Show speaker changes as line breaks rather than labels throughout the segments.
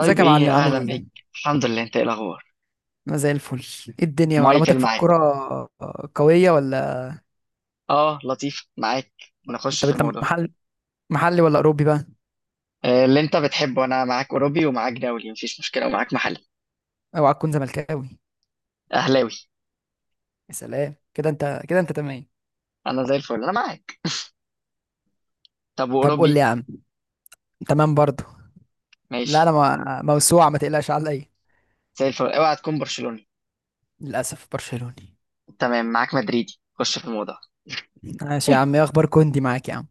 ازيك يا
ايه،
معلم عامل
اهلا بيك.
ايه؟
الحمد لله، انت ايه الاخبار؟
انا زي الفل. ايه الدنيا،
مايكل
معلوماتك في
معاك.
الكرة؟ آه، قوية ولا.
اه لطيف، معاك. نخش
طب
في
انت
الموضوع.
محلي ولا اوروبي بقى؟
اللي انت بتحبه انا معاك، اوروبي ومعاك دولي مفيش مشكله، ومعاك محلي
اوعى تكون زملكاوي.
اهلاوي.
يا سلام كده انت تمام.
انا زي الفل، انا معاك. طب
طب قول لي
واوروبي؟
يا عم. تمام برضو. لا انا
ماشي.
موسوعة، ما تقلقش عليا.
زي الفل، اوعى تكون برشلوني.
للاسف برشلوني.
تمام معاك مدريدي، خش في الموضوع.
ماشي يا عم، ايه اخبار كوندي معاك يا عم؟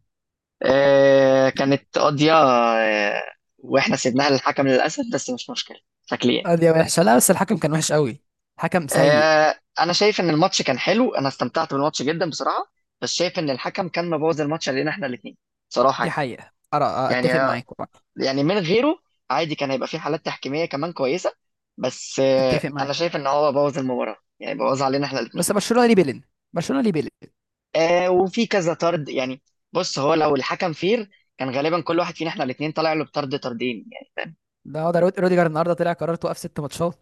آه كانت قضيه، واحنا سيبناها للحكم للاسف، بس مش مشكله شكليا.
ادي وحشة. لا بس الحكم كان وحش قوي، حكم سيء.
آه، انا شايف ان الماتش كان حلو، انا استمتعت بالماتش جدا بصراحه. بس شايف ان الحكم كان مبوظ الماتش علينا احنا الاثنين، صراحه
دي
يعني.
حقيقة، أرى،
يعني
اتفق معاك والله.
يعني من غيره عادي كان هيبقى في حالات تحكيميه كمان كويسه. بس
اتفق
انا
معاك.
شايف ان هو بوظ المباراه، يعني بوظ علينا احنا الاثنين.
بس برشلونة ليه بيلين، برشلونة ليه بيلين.
آه وفي كذا طرد يعني. بص هو لو الحكم فير كان غالبا كل واحد فينا احنا الاثنين طالع له بطرد طردين.
ده روديجر النهارده طلع قرار توقف ست ماتشات.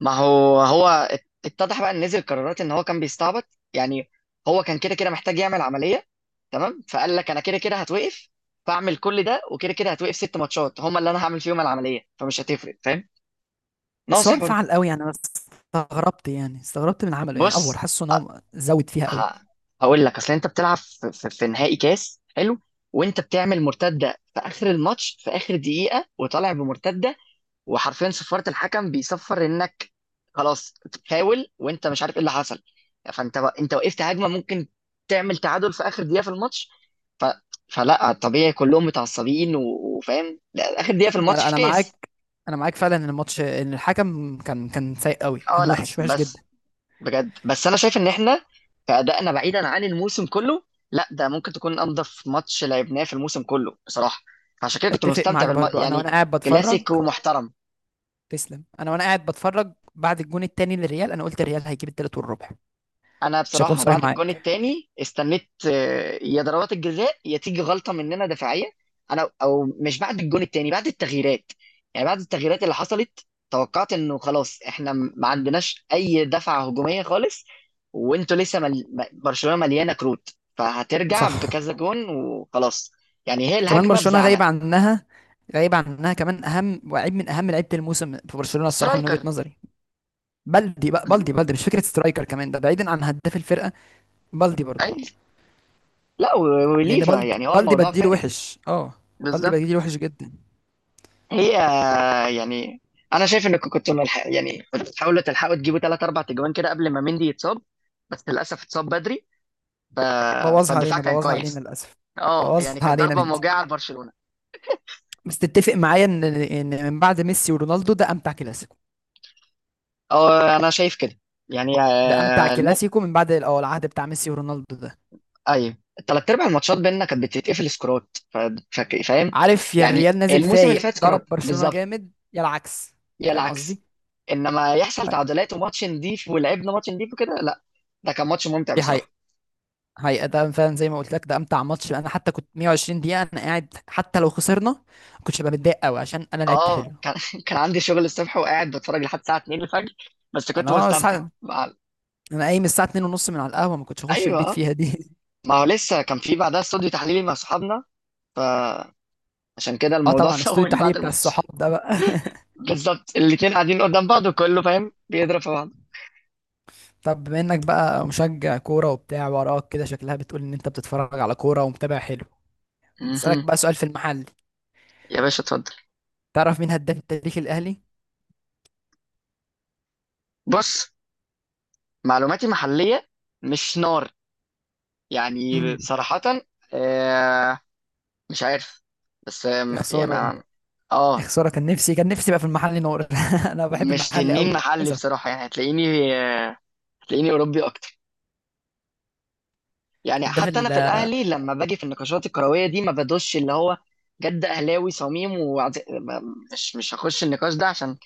ما هو اتضح بقى ان نزل قرارات ان هو كان بيستعبط يعني. هو كان كده كده محتاج يعمل عمليه، تمام؟ فقال لك انا كده كده هتوقف، فاعمل كل ده وكده كده هتوقف ست ماتشات هم اللي انا هعمل فيهم العمليه فمش هتفرق، فاهم؟
بس هو
ناصح برضه.
انفعل قوي، يعني انا استغربت، يعني استغربت من عمله، يعني افور
بص
حاسه ان هو زود فيها قوي.
ه- هقول لك، اصل انت بتلعب في نهائي كاس حلو، وانت بتعمل مرتده في اخر الماتش في اخر دقيقه وطالع بمرتده، وحرفيا صفارة الحكم بيصفر انك خلاص تحاول وانت مش عارف ايه اللي حصل. انت وقفت هجمه ممكن تعمل تعادل في اخر دقيقه في الماتش. ف... فلا طبيعي كلهم متعصبين وفاهم لا، اخر دقيقه في
لا
الماتش
لا،
في
انا
كاس.
معاك. انا معاك فعلا ان الماتش، ان الحكم كان سيء قوي،
اه
كان
لا
وحش وحش جدا.
بس بجد، بس انا شايف ان احنا كأدائنا بعيدا عن الموسم كله، لا ده ممكن تكون انضف ماتش لعبناه في الموسم كله بصراحه. فعشان كده كنت
اتفق
مستمتع
معاك برضو، انا
يعني.
وانا قاعد بتفرج.
كلاسيكو محترم.
تسلم. انا وانا قاعد بتفرج بعد الجون التاني للريال، انا قلت الريال هيجيب التالت والربع.
انا
مش هكون
بصراحه
صريح
بعد الجون
معاك.
الثاني استنيت يا ضربات الجزاء يا تيجي غلطه مننا دفاعيه. انا او مش بعد الجون الثاني، بعد التغييرات. يعني بعد التغييرات اللي حصلت توقعت انه خلاص احنا ما عندناش اي دفعه هجوميه خالص، وانتوا لسه برشلونه مليانه كروت، فهترجع
صح.
بكذا جون وخلاص. يعني هي
كمان
الهجمه
برشلونة
بزعلة
غايب عنها، غايب عنها، كمان اهم وعيب من اهم لعيبه الموسم في برشلونة الصراحة من
سترايكر.
وجهة نظري. بلدي بقى، بلدي بلدي مش فكرة سترايكر كمان، ده بعيدا عن هداف الفرقة. بلدي برضو.
أي... لا
لان
وليفا يعني، هو
بلدي
الموضوع
بديله
فارق.
وحش، بلدي
بالظبط.
بديله وحش جدا.
هي يعني انا شايف انك كنت ملحق، يعني كنت تحاولوا تلحقوا تجيبوا ثلاث اربع تجوان كده قبل ما مندي يتصاب، بس للاسف اتصاب بدري. ف...
بوظها
فالدفاع
علينا،
كان
بوظها علينا
كويس.
للاسف.
اه يعني
بوظها
كانت
علينا
ضربه
بنتي.
موجعه لبرشلونه.
بس تتفق معايا ان من بعد ميسي ورونالدو ده امتع كلاسيكو.
اه انا شايف كده. يعني
ده امتع كلاسيكو من بعد العهد بتاع ميسي ورونالدو ده.
ايوه، الثلاث ارباع الماتشات بيننا كانت بتتقفل سكورات. فاهم؟
عارف، يا
يعني
الريال نازل
الموسم اللي
فايق
فات
ضرب
سكورات
برشلونة
بالظبط،
جامد، يا العكس.
يا
فاهم
العكس.
قصدي؟
انما يحصل تعادلات وماتش نضيف ولعبنا ماتش نضيف وكده، لا ده كان ماتش ممتع
دي حقيقة.
بصراحه.
حقيقة ده فعلا زي ما قلت لك، ده امتع ماتش. انا حتى كنت 120 دقيقة انا قاعد، حتى لو خسرنا ما كنتش ببقى متضايق قوي عشان انا لعبت حلو.
اه كان كان عندي شغل الصبح وقاعد بتفرج لحد الساعه 2 الفجر. بس
انا
كنت
اه
مستمتع
سع- انا قايم الساعه 2 ونص من على القهوه، ما كنتش اخش
ايوه.
البيت
آه.
فيها دي.
ما هو لسه كان في بعدها استوديو تحليلي مع صحابنا، فعشان كده
اه،
الموضوع
طبعا استوديو
طول
التحليل
بعد
بتاع
الماتش.
الصحاب ده بقى.
بالظبط، الاتنين قاعدين قدام بعض وكله فاهم بيضرب في بعض.
طب بما انك بقى مشجع كوره وبتاع، وراك كده شكلها بتقول ان انت بتتفرج على كوره ومتابع حلو. نسالك
مهم.
بقى سؤال في المحل.
يا باشا اتفضل.
تعرف مين هداف التاريخ الاهلي؟
بص معلوماتي محليه مش نار،
امم.
يعني صراحه. آه مش عارف. بس
يا
آه يعني
خساره، يا
اه
خساره، كان نفسي، كان نفسي بقى في المحل نور. انا بحب
مش
المحل قوي.
تنين محلي
للاسف.
بصراحه. يعني هتلاقيني هتلاقيني اوروبي اكتر. يعني
هداف
حتى انا
ال-
في الاهلي لما باجي في النقاشات الكرويه دي ما بدوش اللي هو جد اهلاوي صميم مش هخش النقاش ده، عشان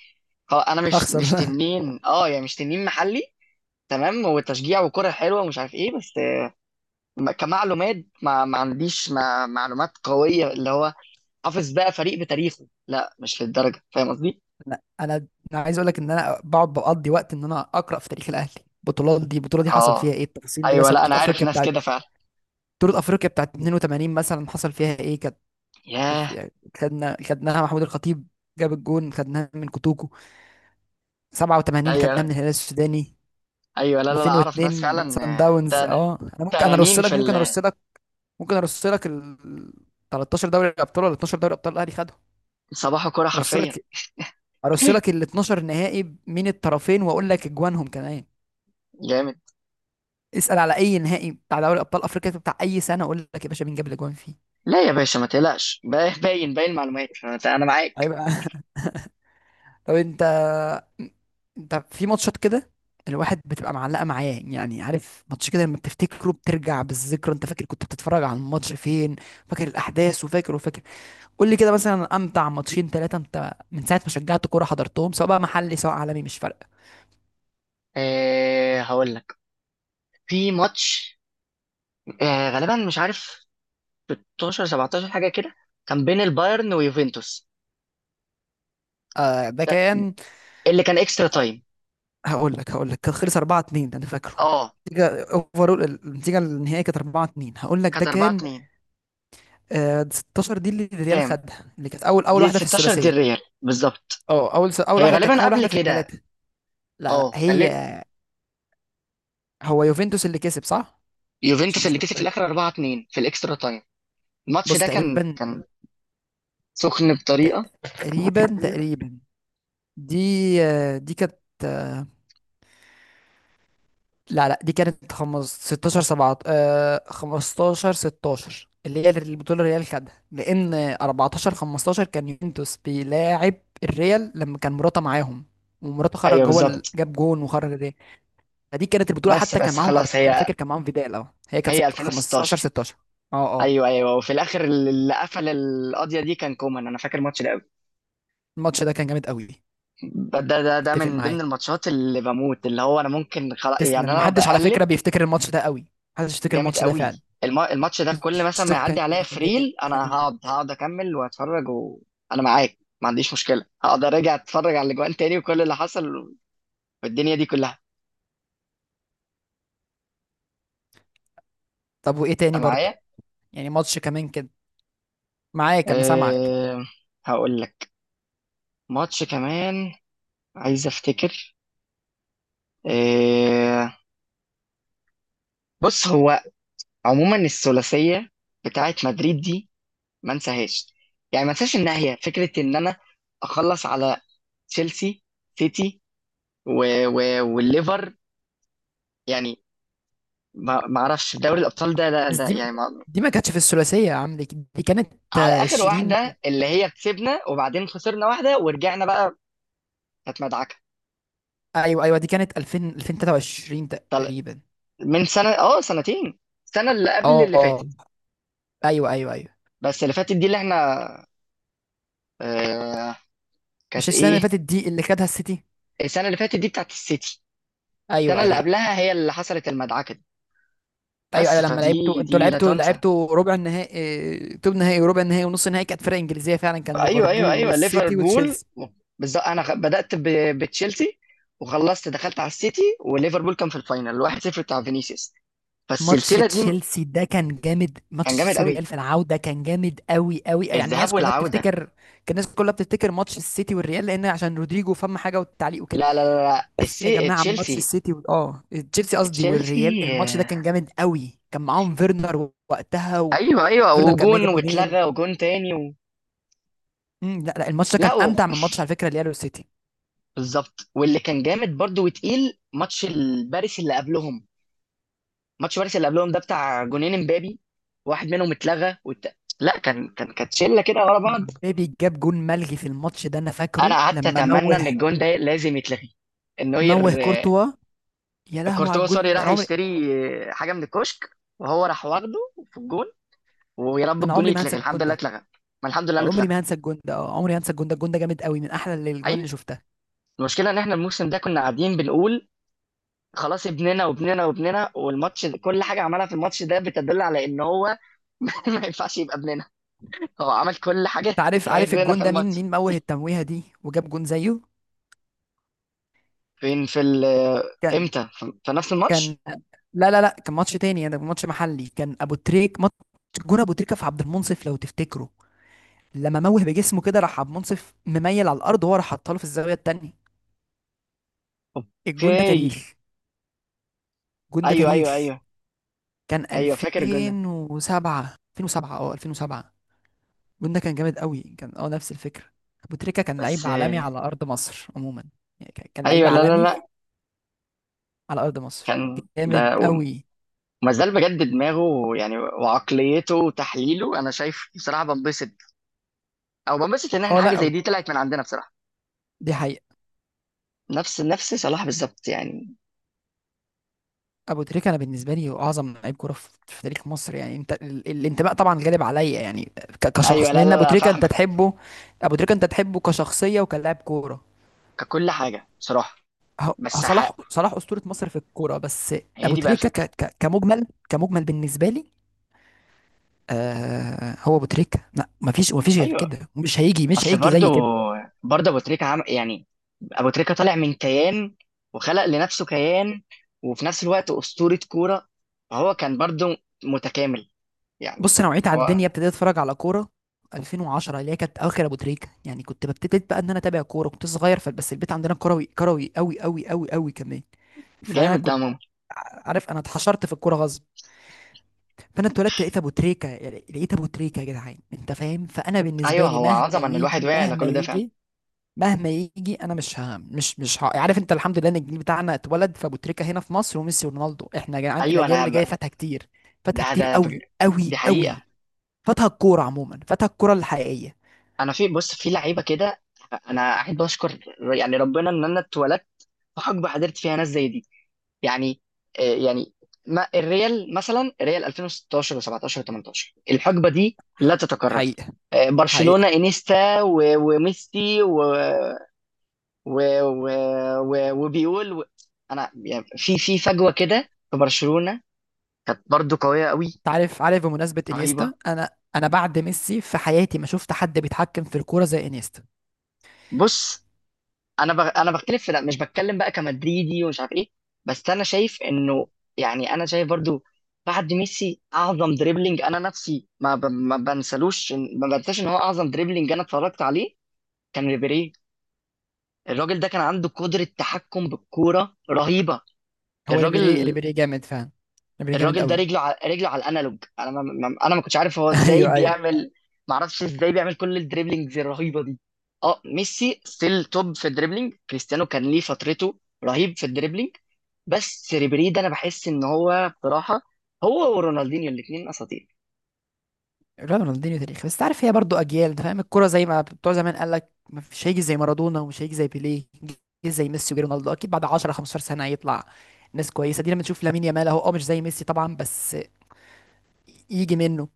خلاص انا مش
هخسر.
مش تنين. اه يعني مش تنين محلي، تمام؟ وتشجيع وكره حلوه ومش عارف ايه، بس كمعلومات ما عنديش ما معلومات قويه اللي هو حافظ بقى فريق بتاريخه، لا مش للدرجه، فاهم قصدي؟
لا انا، عايز اقول لك ان انا بقعد بقضي وقت ان انا اقرا في تاريخ الاهلي. البطولات دي، البطوله دي حصل فيها
اه
ايه، التفاصيل دي،
ايوه،
مثلا
لا انا
بطوله
عارف
افريقيا
ناس
بتاعت،
كده فعلا.
بطولة أفريقيا بتاعت 82 مثلا حصل فيها إيه. كانت
ياه
في- يعني خدناها محمود الخطيب جاب الجون، خدناها من كوتوكو 87، خدناها
ايوه
من الهلال السوداني
ايوه، لا لا لا اعرف ناس
2002 من
فعلا.
سان
آه،
داونز.
تن-
اه، انا ممكن انا ارص
تنانين
لك، ممكن ارص لك، ممكن ارص لك ال 13 دوري ابطال ولا 12 دوري ابطال الاهلي خدهم.
صباح كوره
ارص
حرفيا،
لك ارص لك ال 12 نهائي من الطرفين، واقول لك اجوانهم كمان.
جامد.
اسال على اي نهائي بتاع دوري ابطال افريقيا بتاع اي سنه، اقول لك يا باشا مين جاب الاجوان فيه.
لا يا باشا ما تقلقش، باين باين معلومات، أنا معاك.
هيبقى. طب انت، في ماتشات كده الواحد بتبقى معلقه معاه يعني، عارف ماتش كده لما بتفتكره بترجع بالذكرى، انت فاكر كنت بتتفرج على الماتش فين، فاكر الاحداث وفاكر وفاكر. قول لي كده، مثلا امتع ماتشين ثلاثه انت من ساعه ما شجعت كوره حضرتهم، سواء بقى محلي سواء عالمي، مش فارقه.
أه هقول لك، في ماتش أه غالبا مش عارف 16 17 حاجه كده، كان بين البايرن ويوفنتوس،
آه، ده
ده
كان.
اللي كان اكسترا تايم.
هقول لك كان خلص 4-2، ده انا فاكره.
اه
النتيجه اوفرول، النتيجه النهائيه كانت 4-2، هقول لك ده
كانت
كان
4 2.
16، دي اللي الريال
كام؟
خدها، اللي كانت اول،
دي
واحده في
16 دي
الثلاثيه.
الريال بالظبط؟
اه، اول
هي
واحده، كانت
غالبا
اول
قبل
واحده في
كده.
الثلاثه. لا لا،
اه
هي.
غالبا
هو يوفنتوس اللي كسب، صح؟ عشان
يوفنتوس اللي
مش
كسب في
متاكد.
الاخر 4 2 في الاكسترا تايم. الماتش
بص
ده كان
تقريبا،
كان سخن بطريقه.
تقريبا تقريبا. دي، دي كانت، آه، لا لا، دي كانت 16 7، 15 16 اللي هي البطوله الريال خدها، لان 14 15 كان يوفنتوس بيلاعب الريال لما كان مراته معاهم. ومراته
ايوه
خرج، هو اللي
بالظبط.
جاب جون وخرج الريال. فدي كانت البطوله،
بس
حتى كان
بس
معاهم
خلاص،
انا
هي
فاكر كان معاهم فيدال. اه، هي كانت
هي
15
2016.
16. اه اه
ايوه ايوه وفي الاخر اللي قفل القضيه دي كان كومان، انا فاكر الماتش ده قوي.
الماتش ده كان جامد قوي.
ده
اتفق
من ضمن
معاك،
الماتشات اللي بموت، اللي هو انا ممكن خلاص يعني
تسلم.
انا
محدش على فكره
بقلب.
بيفتكر الماتش ده قوي، محدش يفتكر
جامد
الماتش ده
قوي.
فعلا.
الماتش ده كل
الماتش
مثلا
ده
ما يعدي
كان
عليا
جامد.
فريل انا هقعد اكمل واتفرج، وانا معاك ما عنديش مشكله هقعد ارجع اتفرج على الاجوان تاني وكل اللي حصل والدنيا دي كلها.
طب وايه تاني
انت
برضو،
معايا.
يعني ماتش كمان كده، معاك انا سامعك.
أه هقول لك ماتش كمان، عايز افتكر. أه بص، هو عموما الثلاثيه بتاعت مدريد دي ما انساهاش. يعني ما انساش انها، هي فكره ان انا اخلص على تشيلسي سيتي و... والليفر. يعني ما ما اعرفش دوري الابطال ده، لا
بس
لا
دي،
يعني ما...
ما كانتش في الثلاثيه يا عم. دي، كانت
على اخر
20.
واحده اللي هي كسبنا وبعدين خسرنا واحده ورجعنا بقى، كانت مدعكه.
ايوه ايوه، دي كانت 2000 2023
طل...
تقريبا.
من سنه اه سنتين، السنه اللي قبل
اه
اللي
اه
فاتت.
ايوه ايوه ايوه.
بس اللي فاتت دي اللي احنا آه...
مش
كانت
السنه اللي
ايه؟
فاتت دي اللي خدها السيتي؟
السنه اللي فاتت دي بتاعت السيتي.
ايوه
السنه اللي
ايوه
قبلها هي اللي حصلت المدعكه دي.
ايوه.
بس
ايوه لما لعبتوا
فدي
انتوا،
دي لا تنسى.
لعبتوا ربع النهائي، توب نهائي، وربع النهائي ونص النهائي كانت فرق انجليزيه فعلا، كان
ايوه ايوه
ليفربول
ايوه
والسيتي
ليفربول.
وتشيلسي.
بالظبط، انا بدات بتشيلسي وخلصت دخلت على السيتي، وليفربول كان في الفاينل الواحد صفر بتاع فينيسيوس.
ماتش
فالسلسله دي
تشيلسي ده كان جامد، ماتش
كان جامد
تشيلسي
قوي،
والريال في العوده كان جامد قوي قوي يعني،
الذهاب
الناس كلها
والعودة.
بتفتكر. كان الناس كلها بتفتكر ماتش السيتي والريال، لان عشان رودريجو فم حاجه والتعليق وكده.
لا
بس يا جماعه ماتش
تشيلسي.
السيتي و... اه تشيلسي قصدي والريال،
تشيلسي،
الماتش ده كان جامد قوي، كان معاهم فيرنر وقتها،
ايوه ايوه،
وفيرنر كان ما
وجون
جاب جونين.
واتلغى وجون تاني
لا لا، الماتش ده كان
لا
امتع من ماتش على فكره الريال والسيتي.
بالظبط. واللي كان جامد برضو وتقيل ماتش الباريس اللي قبلهم. ماتش باريس اللي قبلهم ده بتاع جونين امبابي، واحد منهم اتلغى لا كان كانت شله كده ورا بعض.
مبابي جاب جون ملغي في الماتش ده انا
انا
فاكره
قعدت
لما
اتمنى
موه.
ان الجون ده لازم يتلغي،
موه
النوير
كورتوا. يا لهوي على
كورتوا
الجون
سوري
ده.
راح يشتري حاجه من الكشك وهو راح واخده في الجون. ويا رب
انا
الجون
عمري ما هنسى
يتلغي، الحمد
الجون
لله
ده،
اتلغى. ما الحمد لله انه
عمري
اتلغى.
ما هنسى الجون ده، عمري ما هنسى الجون ده. الجون ده جامد قوي، من احلى الجوان
اي،
اللي شفتها.
المشكله ان احنا الموسم ده كنا قاعدين بنقول خلاص ابننا وابننا وابننا، والماتش كل حاجه عملها في الماتش ده بتدل على ان هو ما ينفعش يبقى ابننا. هو عمل كل حاجه،
انت عارف،
تعبنا
الجون
في
ده مين،
الماتش.
موه التمويهه دي وجاب جون زيه؟
فين في ال-
كان
امتى؟ في في نفس
كان،
الماتش؟
لا لا لا، كان ماتش تاني يعني، ماتش محلي كان ابو تريك ماتش، جون ابو تريكه في عبد المنصف لو تفتكره. لما موه بجسمه كده، راح عبد المنصف مميل على الارض، وهو راح حطها له في الزاويه التانيه. الجون ده
اوكي.
تاريخ، الجون ده
ايوه ايوه
تاريخ.
ايوه.
كان
ايوه فاكر الجون ده.
2007 2007 2007. الجون ده كان جامد قوي، كان نفس الفكرة. أبو تريكة كان
بس
لعيب عالمي على أرض مصر عموما، يعني كان لعيب
ايوه لا لا
عالمي
لا،
على أرض مصر،
كان
جامد
ده
قوي.
وما زال بجد دماغه يعني، وعقليته وتحليله انا شايف بصراحه، بنبسط او بنبسط ان احنا
اه
حاجه
لا،
زي دي طلعت من عندنا بصراحه.
دي حقيقة.
نفس صلاح بالظبط يعني.
أبو تريكة أنا بالنسبة لي هو أعظم لعيب كورة في تاريخ مصر، يعني أنت الانتماء طبعا غالب عليا، يعني
ايوه
كشخص،
لا
لأن
لا
أبو
لا
تريكة أنت
فاهمك.
تحبه. أبو تريكة أنت تحبه كشخصية وكلاعب كورة.
ككل حاجه بصراحه.
هو
بس
صلاح، أسطورة مصر في الكورة بس.
هي
أبو
دي بقى
تريكة
الفكره.
كمجمل، كمجمل بالنسبة لي. آه، هو ابو تريكه. لا، مفيش غير
ايوه،
كده، مش
اصل
هيجي
برضو،
زي كده.
برضه ابو تريكه عمل يعني. ابو تريكة طالع من كيان وخلق لنفسه كيان، وفي نفس الوقت اسطوره كوره، فهو كان برضو متكامل يعني.
بص، انا وعيت على
هو
الدنيا، ابتديت اتفرج على كوره 2010 اللي هي كانت اخر ابو تريكه يعني، كنت ببتديت بقى ان انا اتابع كوره، كنت صغير، فبس البيت عندنا كروي كروي قوي قوي قوي قوي كمان. فانا
جامد ده
كنت
ماما.
عارف انا اتحشرت في الكوره غصب. فانا اتولدت لقيت ابو تريكه، يعني لقيت ابو تريكه يا جدعان انت فاهم، فانا بالنسبه
ايوه
لي
هو
مهما
عظمه ان الواحد
يجي،
وعي على
مهما
كل ده فعلا.
يجي، مهما يجي، انا مش ها، مش ها، عارف انت. الحمد لله ان الجيل بتاعنا اتولد فابو تريكه هنا في مصر، وميسي ورونالدو، احنا يا جدعان
ايوه
الاجيال
انا
اللي جايه
ب...
فاتها كتير، فاتها
ده
كتير
ده ب...
قوي
دي
قوي
حقيقه.
قوي، فاتها الكوره عموما، فاتها الكوره الحقيقيه.
انا في، بص في لعيبه كده، انا احب اشكر يعني ربنا ان انا اتولدت في حقبه حضرت فيها ناس زي دي. يعني يعني ما الريال مثلا، الريال 2016 و17 و18 الحقبه دي
ح-
لا تتكرر.
حقيقه.
برشلونه
حقيقه.
انيستا وميسي و و و و وبيقول انا يعني، في في فجوه كده في برشلونه كانت برضو قويه قوي،
انت عارف، بمناسبه
رهيبه.
انيستا، انا بعد ميسي في حياتي ما شفت حد بيتحكم في الكوره زي انيستا.
بص انا انا بختلف في، لا مش بتكلم بقى كمدريدي ومش عارف ايه، بس انا شايف انه يعني انا شايف برضو بعد ميسي اعظم دريبلينج انا نفسي ما بنسلوش ما بنساش ان هو اعظم دريبلينج انا اتفرجت عليه كان ريبيري. الراجل ده كان عنده قدرة تحكم بالكورة رهيبة.
هو
الراجل
ريبيري، ريبيري جامد فعلا. ريبيري جامد
الراجل ده
قوي.
رجله على رجله على الانالوج انا ما... ما... انا ما كنتش عارف هو ازاي
ايوه ايوه.
بيعمل، ما اعرفش ازاي بيعمل كل الدريبلينجز الرهيبه دي. اه ميسي ستيل توب في الدريبلينج، كريستيانو كان ليه فترته رهيب في الدريبلينج. بس ريبيري ده انا بحس ان هو بصراحه هو ورونالدينيو الاثنين اساطير.
رونالدينيو تاريخي، بس تعرف هي برضو اجيال ده فاهم، الكوره زي ما بتوع زمان قال لك مش هيجي زي مارادونا ومش هيجي زي بيليه، جه زي ميسي وجي رونالدو اكيد. بعد 10 15 سنه هيطلع ناس كويسه دي، لما تشوف لامين يامال اهو، اه مش زي ميسي طبعا بس يجي منه.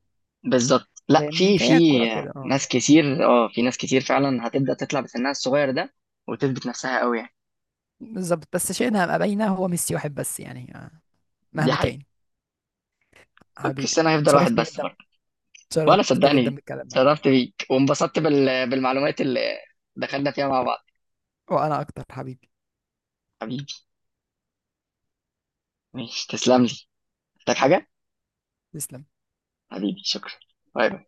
بالظبط، لا
فاهمني؟
في في
فهي الكوره كده اه.
ناس كتير، اه في ناس كتير فعلا هتبدا تطلع بسنها الصغير ده وتثبت نفسها قوي يعني.
بالظبط، بس شئنا ام ابينا هو ميسي واحد بس يعني،
دي
مهما
حقيقه.
كان. حبيبي
كريستيانو هيفضل واحد
اتشرفت
بس.
جدا،
وانا
اتشرفت جدا
صدقني
بالكلام معاك.
شرفت بيك، وانبسطت بالمعلومات اللي دخلنا فيها مع بعض.
وانا اكتر حبيبي.
حبيبي، ماشي تسلم لي، محتاج حاجة؟
تسلم.
حبيبي شكرا، باي باي.